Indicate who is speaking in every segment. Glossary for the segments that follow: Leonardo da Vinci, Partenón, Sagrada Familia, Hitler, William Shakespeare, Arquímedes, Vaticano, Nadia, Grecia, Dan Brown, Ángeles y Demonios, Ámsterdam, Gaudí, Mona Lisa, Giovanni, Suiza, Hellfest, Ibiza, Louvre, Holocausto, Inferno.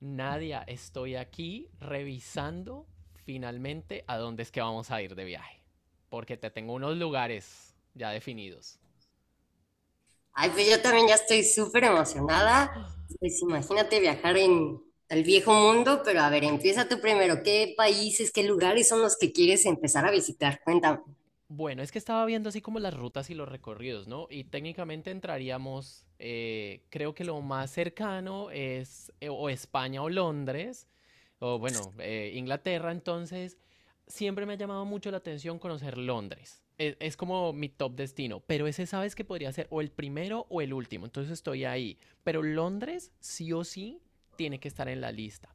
Speaker 1: Nadia, estoy aquí revisando finalmente a dónde es que vamos a ir de viaje. Porque te tengo unos lugares ya definidos.
Speaker 2: Ay, pues yo también ya estoy súper emocionada.
Speaker 1: ¡Ah!
Speaker 2: Pues imagínate viajar en el viejo mundo, pero a ver,
Speaker 1: Oye,
Speaker 2: empieza tú primero.
Speaker 1: sí.
Speaker 2: ¿Qué países, qué lugares son los que quieres empezar a visitar? Cuéntame.
Speaker 1: Bueno, es que estaba viendo así como las rutas y los recorridos, ¿no? Y técnicamente entraríamos, creo que lo más cercano es o España o Londres. O bueno, Inglaterra. Entonces siempre me ha llamado mucho la atención conocer Londres. Es como mi top destino, pero ese sabes que podría ser o el primero o el último, entonces estoy ahí. Pero Londres sí o sí tiene que estar en la lista.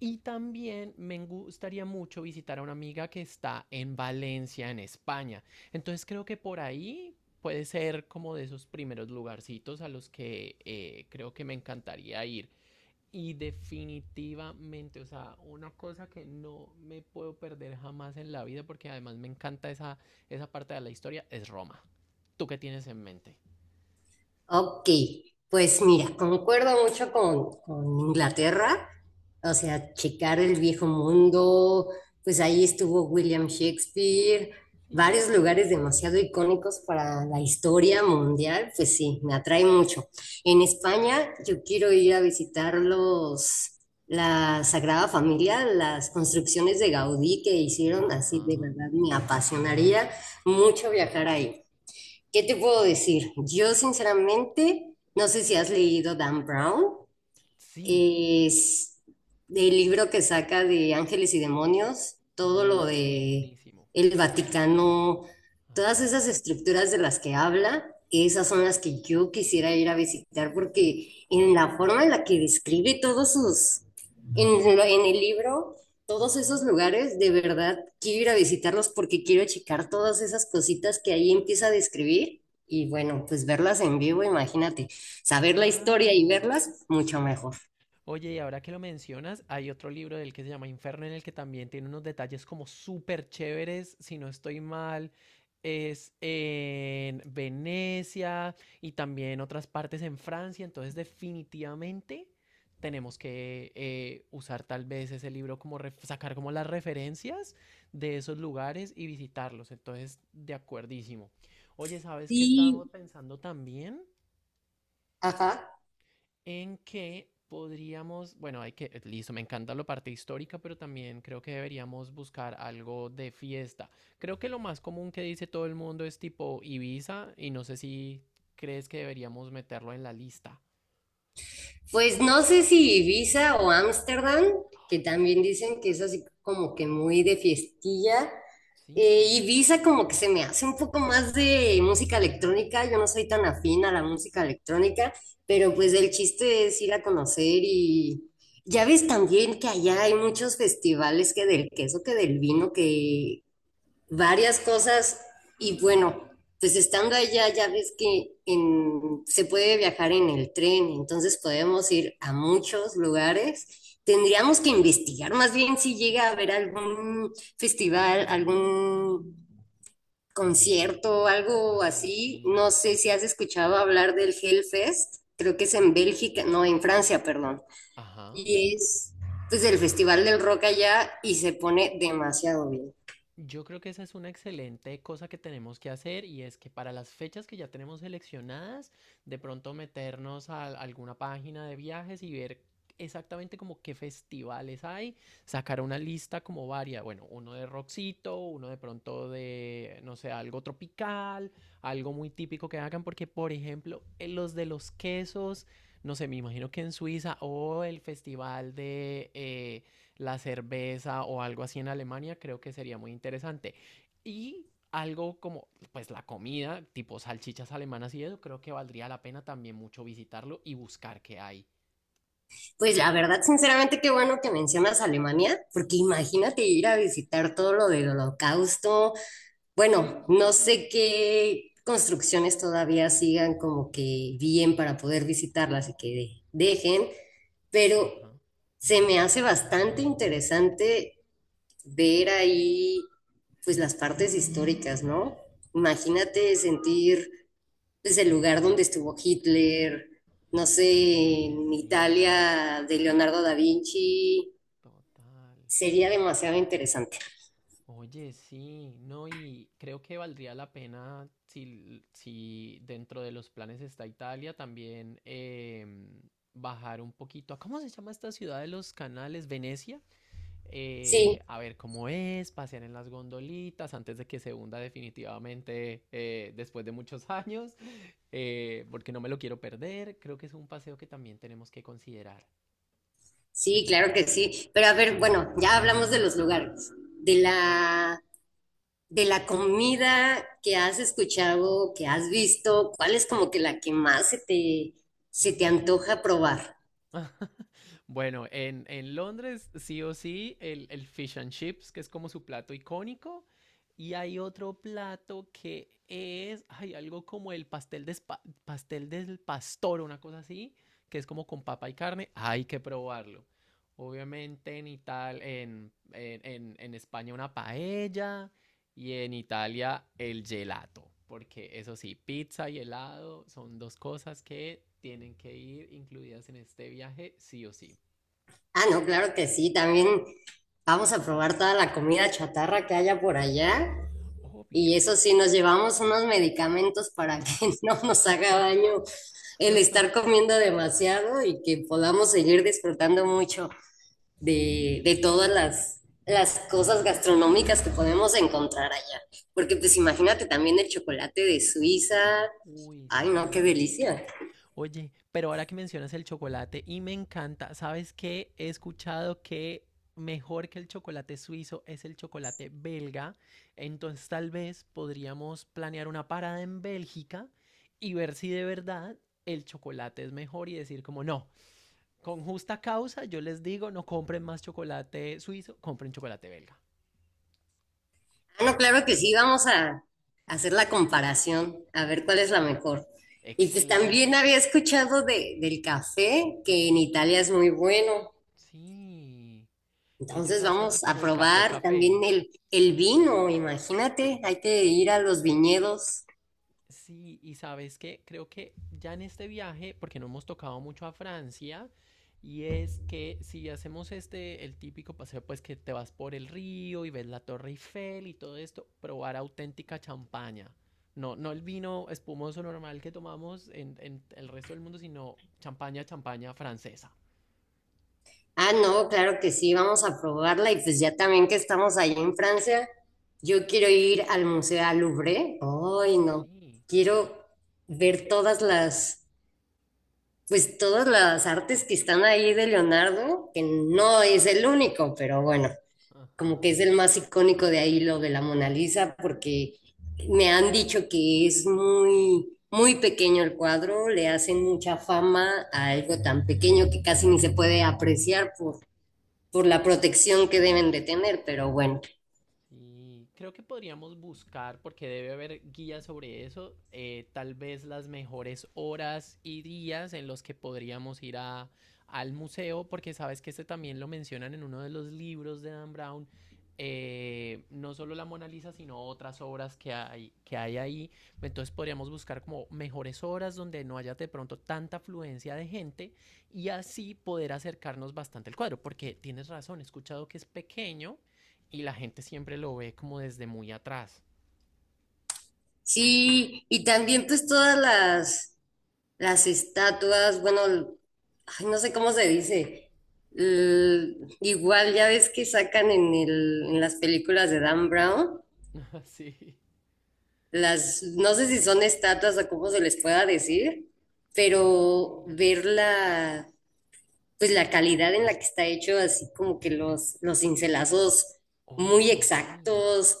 Speaker 1: Y también me gustaría mucho visitar a una amiga que está en Valencia, en España. Entonces creo que por ahí puede ser como de esos primeros lugarcitos a los que creo que me encantaría ir. Y definitivamente, o sea, una cosa que no me puedo perder jamás en la vida, porque además me encanta esa, esa parte de la historia, es Roma. ¿Tú qué tienes en mente?
Speaker 2: Ok, pues mira, concuerdo mucho con Inglaterra, o sea, checar el viejo mundo, pues ahí estuvo William Shakespeare, varios lugares
Speaker 1: Sí.
Speaker 2: demasiado icónicos para la historia mundial, pues sí, me atrae mucho. En España yo quiero ir a visitar la Sagrada Familia, las
Speaker 1: Oh,
Speaker 2: construcciones de Gaudí que hicieron, así de
Speaker 1: ajá.
Speaker 2: verdad me apasionaría mucho viajar ahí. ¿Qué te puedo decir? Yo sinceramente no sé si has leído Dan Brown,
Speaker 1: Sí,
Speaker 2: es del libro que saca de Ángeles y Demonios, todo lo de
Speaker 1: buenísimo.
Speaker 2: el Vaticano, todas
Speaker 1: Ajá,
Speaker 2: esas estructuras de las que habla, esas son las que yo quisiera ir a visitar porque en la forma en la que describe todos sus, en, lo- en el libro, todos esos
Speaker 1: ajá.
Speaker 2: lugares, de verdad quiero ir a visitarlos porque quiero checar todas esas cositas que ahí empieza a describir. Y bueno, pues verlas en vivo, imagínate, saber la
Speaker 1: Claro.
Speaker 2: historia y verlas, mucho mejor.
Speaker 1: Oye, y ahora que lo mencionas, hay otro libro del que se llama Inferno en el que también tiene unos detalles como súper chéveres, si no estoy mal, es en Venecia y también otras partes en Francia, entonces definitivamente tenemos que usar tal vez ese libro como sacar como las referencias de esos lugares y visitarlos, entonces de acuerdísimo. Oye, ¿sabes qué
Speaker 2: Y
Speaker 1: estábamos pensando también?
Speaker 2: ajá.
Speaker 1: En que podríamos, bueno, hay que, listo, me encanta la parte histórica, pero también creo que deberíamos buscar algo de fiesta. Creo que lo más común que dice todo el mundo es tipo Ibiza y no sé si crees que deberíamos meterlo en la lista.
Speaker 2: Pues no sé si Ibiza o Ámsterdam, que también
Speaker 1: Ay,
Speaker 2: dicen que es así como que muy de fiestilla.
Speaker 1: sí. Sí,
Speaker 2: Ibiza como que se me hace un poco más de música electrónica, yo no soy tan afín a la música electrónica,
Speaker 1: ok,
Speaker 2: pero pues
Speaker 1: ok.
Speaker 2: el chiste es ir a conocer, y ya ves también que allá hay muchos festivales, que del queso, que del vino, que varias cosas. Y
Speaker 1: Sí.
Speaker 2: bueno, pues estando allá ya ves que se puede viajar en el tren, entonces podemos ir a muchos lugares. Tendríamos que investigar más bien si llega a haber algún festival, algún concierto, algo
Speaker 1: Ay,
Speaker 2: así.
Speaker 1: sí.
Speaker 2: No sé si has escuchado hablar del Hellfest, creo que es en Bélgica, no, en Francia, perdón.
Speaker 1: Ajá.
Speaker 2: Y es pues el festival del rock allá y se pone demasiado bien.
Speaker 1: Yo creo que esa es una excelente cosa que tenemos que hacer y es que para las fechas que ya tenemos seleccionadas, de pronto meternos a alguna página de viajes y ver exactamente como qué festivales hay, sacar una lista como varia, bueno, uno de rockcito, uno de pronto de, no sé, algo tropical, algo muy típico que hagan, porque por ejemplo, en los de los quesos, no sé, me imagino que en Suiza o el festival de... la cerveza o algo así en Alemania, creo que sería muy interesante. Y algo como, pues la comida, tipo salchichas alemanas y eso, creo que valdría la pena también mucho visitarlo y buscar qué hay.
Speaker 2: Pues la verdad, sinceramente, qué bueno que mencionas Alemania, porque imagínate ir a visitar todo lo del Holocausto.
Speaker 1: Sí.
Speaker 2: Bueno, no sé qué construcciones todavía sigan como que bien para poder visitarlas y que dejen, pero
Speaker 1: Ajá.
Speaker 2: se me hace bastante interesante ver ahí pues las partes históricas, ¿no? Imagínate sentir, es el lugar donde estuvo Hitler, no sé,
Speaker 1: Oye,
Speaker 2: en
Speaker 1: sí,
Speaker 2: Italia de Leonardo da Vinci,
Speaker 1: total.
Speaker 2: sería demasiado interesante.
Speaker 1: Oye, sí, no, y creo que valdría la pena si, si dentro de los planes está Italia también bajar un poquito a, ¿cómo se llama esta ciudad de los canales? ¿Venecia?
Speaker 2: Sí,
Speaker 1: A ver cómo es, pasear en las gondolitas antes de que se hunda definitivamente después de muchos años, porque no me lo quiero perder. Creo que es un paseo que también tenemos que considerar.
Speaker 2: sí, claro que sí. Pero a ver, bueno, ya hablamos de los lugares, de la, de la comida que has escuchado, que has visto, ¿cuál es como que la que más se te antoja probar?
Speaker 1: Bueno, en Londres, sí o sí, el fish and chips, que es como su plato icónico. Y hay otro plato que es, hay algo como el pastel, de pastel del pastor, una cosa así, que es como con papa y carne. Hay que probarlo. Obviamente en Italia, en España una paella y en Italia el gelato. Porque eso sí, pizza y helado son dos cosas que tienen que ir incluidas en este viaje, sí o sí.
Speaker 2: Ah, no, claro que sí, también vamos a probar toda la comida chatarra que haya por allá. Y
Speaker 1: Obvio.
Speaker 2: eso sí, nos llevamos unos medicamentos para que no nos haga daño el estar comiendo demasiado y que podamos seguir disfrutando mucho de
Speaker 1: Sí,
Speaker 2: todas las cosas gastronómicas que podemos encontrar allá. Porque pues
Speaker 1: total.
Speaker 2: imagínate también el chocolate de Suiza.
Speaker 1: Uy,
Speaker 2: Ay, no, qué
Speaker 1: sí.
Speaker 2: delicia.
Speaker 1: Oye, pero ahora que mencionas el chocolate y me encanta, ¿sabes qué? He escuchado que mejor que el chocolate suizo es el chocolate belga. Entonces tal vez podríamos planear una parada en Bélgica y ver si de verdad el chocolate es mejor y decir como no, con justa causa yo les digo no compren más chocolate suizo, compren chocolate belga.
Speaker 2: Ah, no, claro que sí, vamos a hacer la comparación, a ver cuál es la
Speaker 1: Eso.
Speaker 2: mejor. Y pues también
Speaker 1: Excelente.
Speaker 2: había escuchado del café, que en Italia es muy bueno.
Speaker 1: Sí, ellos
Speaker 2: Entonces
Speaker 1: hacen
Speaker 2: vamos a
Speaker 1: como el café
Speaker 2: probar también
Speaker 1: café.
Speaker 2: el vino, imagínate, hay que ir a los viñedos.
Speaker 1: Sí, y sabes qué, creo que ya en este viaje, porque no hemos tocado mucho a Francia, y es que si hacemos este, el típico paseo, pues que te vas por el río y ves la Torre Eiffel y todo esto, probar auténtica champaña. No, no el vino espumoso normal que tomamos en el resto del mundo, sino champaña, champaña francesa.
Speaker 2: Ah, no, claro que sí, vamos a probarla y pues ya también que estamos ahí en Francia, yo quiero ir al Museo al Louvre. Ay,
Speaker 1: Ay,
Speaker 2: no,
Speaker 1: sí.
Speaker 2: quiero ver todas pues todas las artes que están ahí de Leonardo, que no es el único, pero bueno, como
Speaker 1: Ajá.
Speaker 2: que es el más icónico de ahí lo de la Mona Lisa, porque me han dicho que es muy, muy pequeño el cuadro, le hacen
Speaker 1: Sí.
Speaker 2: mucha fama a algo tan pequeño que casi ni se puede apreciar por la protección que deben de tener, pero bueno,
Speaker 1: Sí, creo que podríamos buscar, porque debe haber guías sobre eso, tal vez las mejores horas y días en los que podríamos ir a, al museo, porque sabes que este también lo mencionan en uno de los libros de Dan Brown, no solo la Mona Lisa, sino otras obras que hay ahí. Entonces podríamos buscar como mejores horas donde no haya de pronto tanta afluencia de gente y así poder acercarnos bastante al cuadro, porque tienes razón, he escuchado que es pequeño y la gente siempre lo ve como desde muy atrás.
Speaker 2: sí, y también pues todas las estatuas, bueno, ay, no sé cómo se dice. Igual ya ves que sacan en en las películas de Dan Brown,
Speaker 1: Sí.
Speaker 2: las, no sé si son estatuas o cómo se les pueda decir,
Speaker 1: Sí.
Speaker 2: pero ver la, pues la calidad en la que está hecho, así como que los cincelazos muy
Speaker 1: Oye, sí.
Speaker 2: exactos,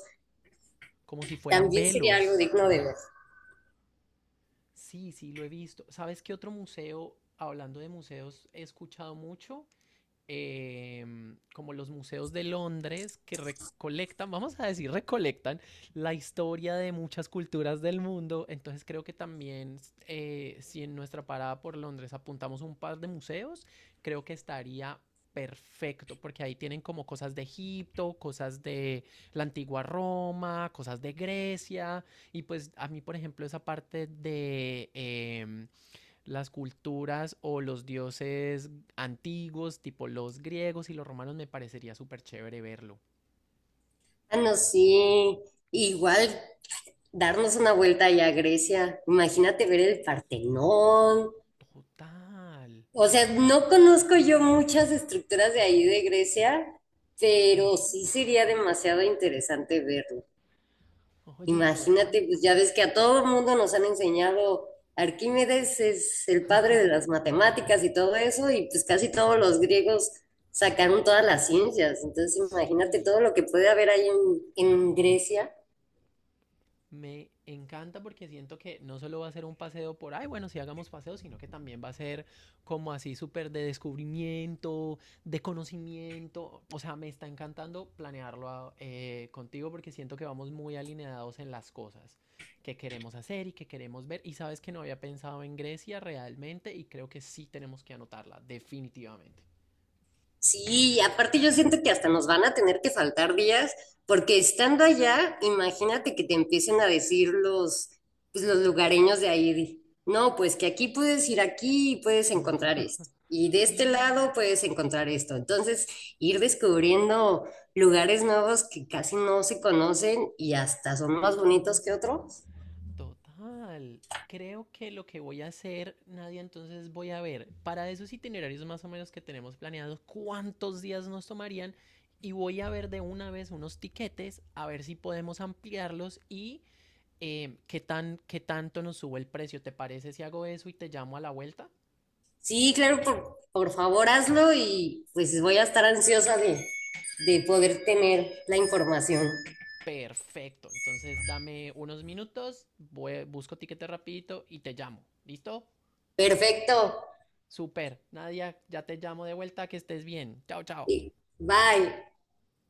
Speaker 1: Como si fueran
Speaker 2: también sería algo
Speaker 1: velos.
Speaker 2: digno de ver.
Speaker 1: Sí, sí, lo he visto. ¿Sabes qué otro museo, hablando de museos, he escuchado mucho? Como los museos de Londres que recolectan, vamos a decir, recolectan la historia de muchas culturas del mundo. Entonces creo que también si en nuestra parada por Londres apuntamos un par de museos, creo que estaría perfecto, porque ahí tienen como cosas de Egipto, cosas de la antigua Roma, cosas de Grecia, y pues a mí, por ejemplo, esa parte de las culturas o los dioses antiguos, tipo los griegos y los romanos, me parecería súper chévere verlo.
Speaker 2: Ah, no, sí, igual darnos una vuelta allá a Grecia, imagínate ver el Partenón.
Speaker 1: Total.
Speaker 2: O sea, no conozco yo muchas estructuras de ahí de Grecia, pero
Speaker 1: Ajá.
Speaker 2: sí sería demasiado interesante verlo.
Speaker 1: Oye, total.
Speaker 2: Imagínate, pues ya ves que a todo el mundo nos han enseñado, Arquímedes es el padre de las matemáticas y todo eso, y pues casi todos los griegos sacaron todas las ciencias. Entonces imagínate
Speaker 1: Sí.
Speaker 2: todo lo que puede haber ahí en Grecia.
Speaker 1: Me encanta porque siento que no solo va a ser un paseo por, ay, bueno, si hagamos paseo, sino que también va a ser como así súper de descubrimiento, de conocimiento. O sea, me está encantando planearlo contigo porque siento que vamos muy alineados en las cosas que queremos hacer y que queremos ver. Y sabes que no había pensado en Grecia realmente y creo que sí tenemos que anotarla, definitivamente.
Speaker 2: Sí, aparte yo siento que hasta nos van a tener que faltar días, porque estando allá, imagínate que te empiecen a decir pues los lugareños de ahí, de, no, pues que aquí puedes ir aquí y puedes encontrar esto, y de este
Speaker 1: Sí.
Speaker 2: lado puedes encontrar esto. Entonces, ir descubriendo lugares nuevos que casi no se conocen y hasta son más bonitos que otros.
Speaker 1: Total. Creo que lo que voy a hacer, Nadia, entonces voy a ver para esos itinerarios más o menos que tenemos planeados cuántos días nos tomarían y voy a ver de una vez unos tiquetes a ver si podemos ampliarlos y qué tan, qué tanto nos sube el precio. ¿Te parece si hago eso y te llamo a la vuelta?
Speaker 2: Sí, claro, por favor hazlo y pues voy a estar ansiosa de poder tener la información.
Speaker 1: Perfecto. Entonces dame unos minutos, busco tiquete rapidito y te llamo. ¿Listo?
Speaker 2: Perfecto.
Speaker 1: Super. Nadia, ya te llamo de vuelta, que estés bien. Chao, chao.
Speaker 2: Bye.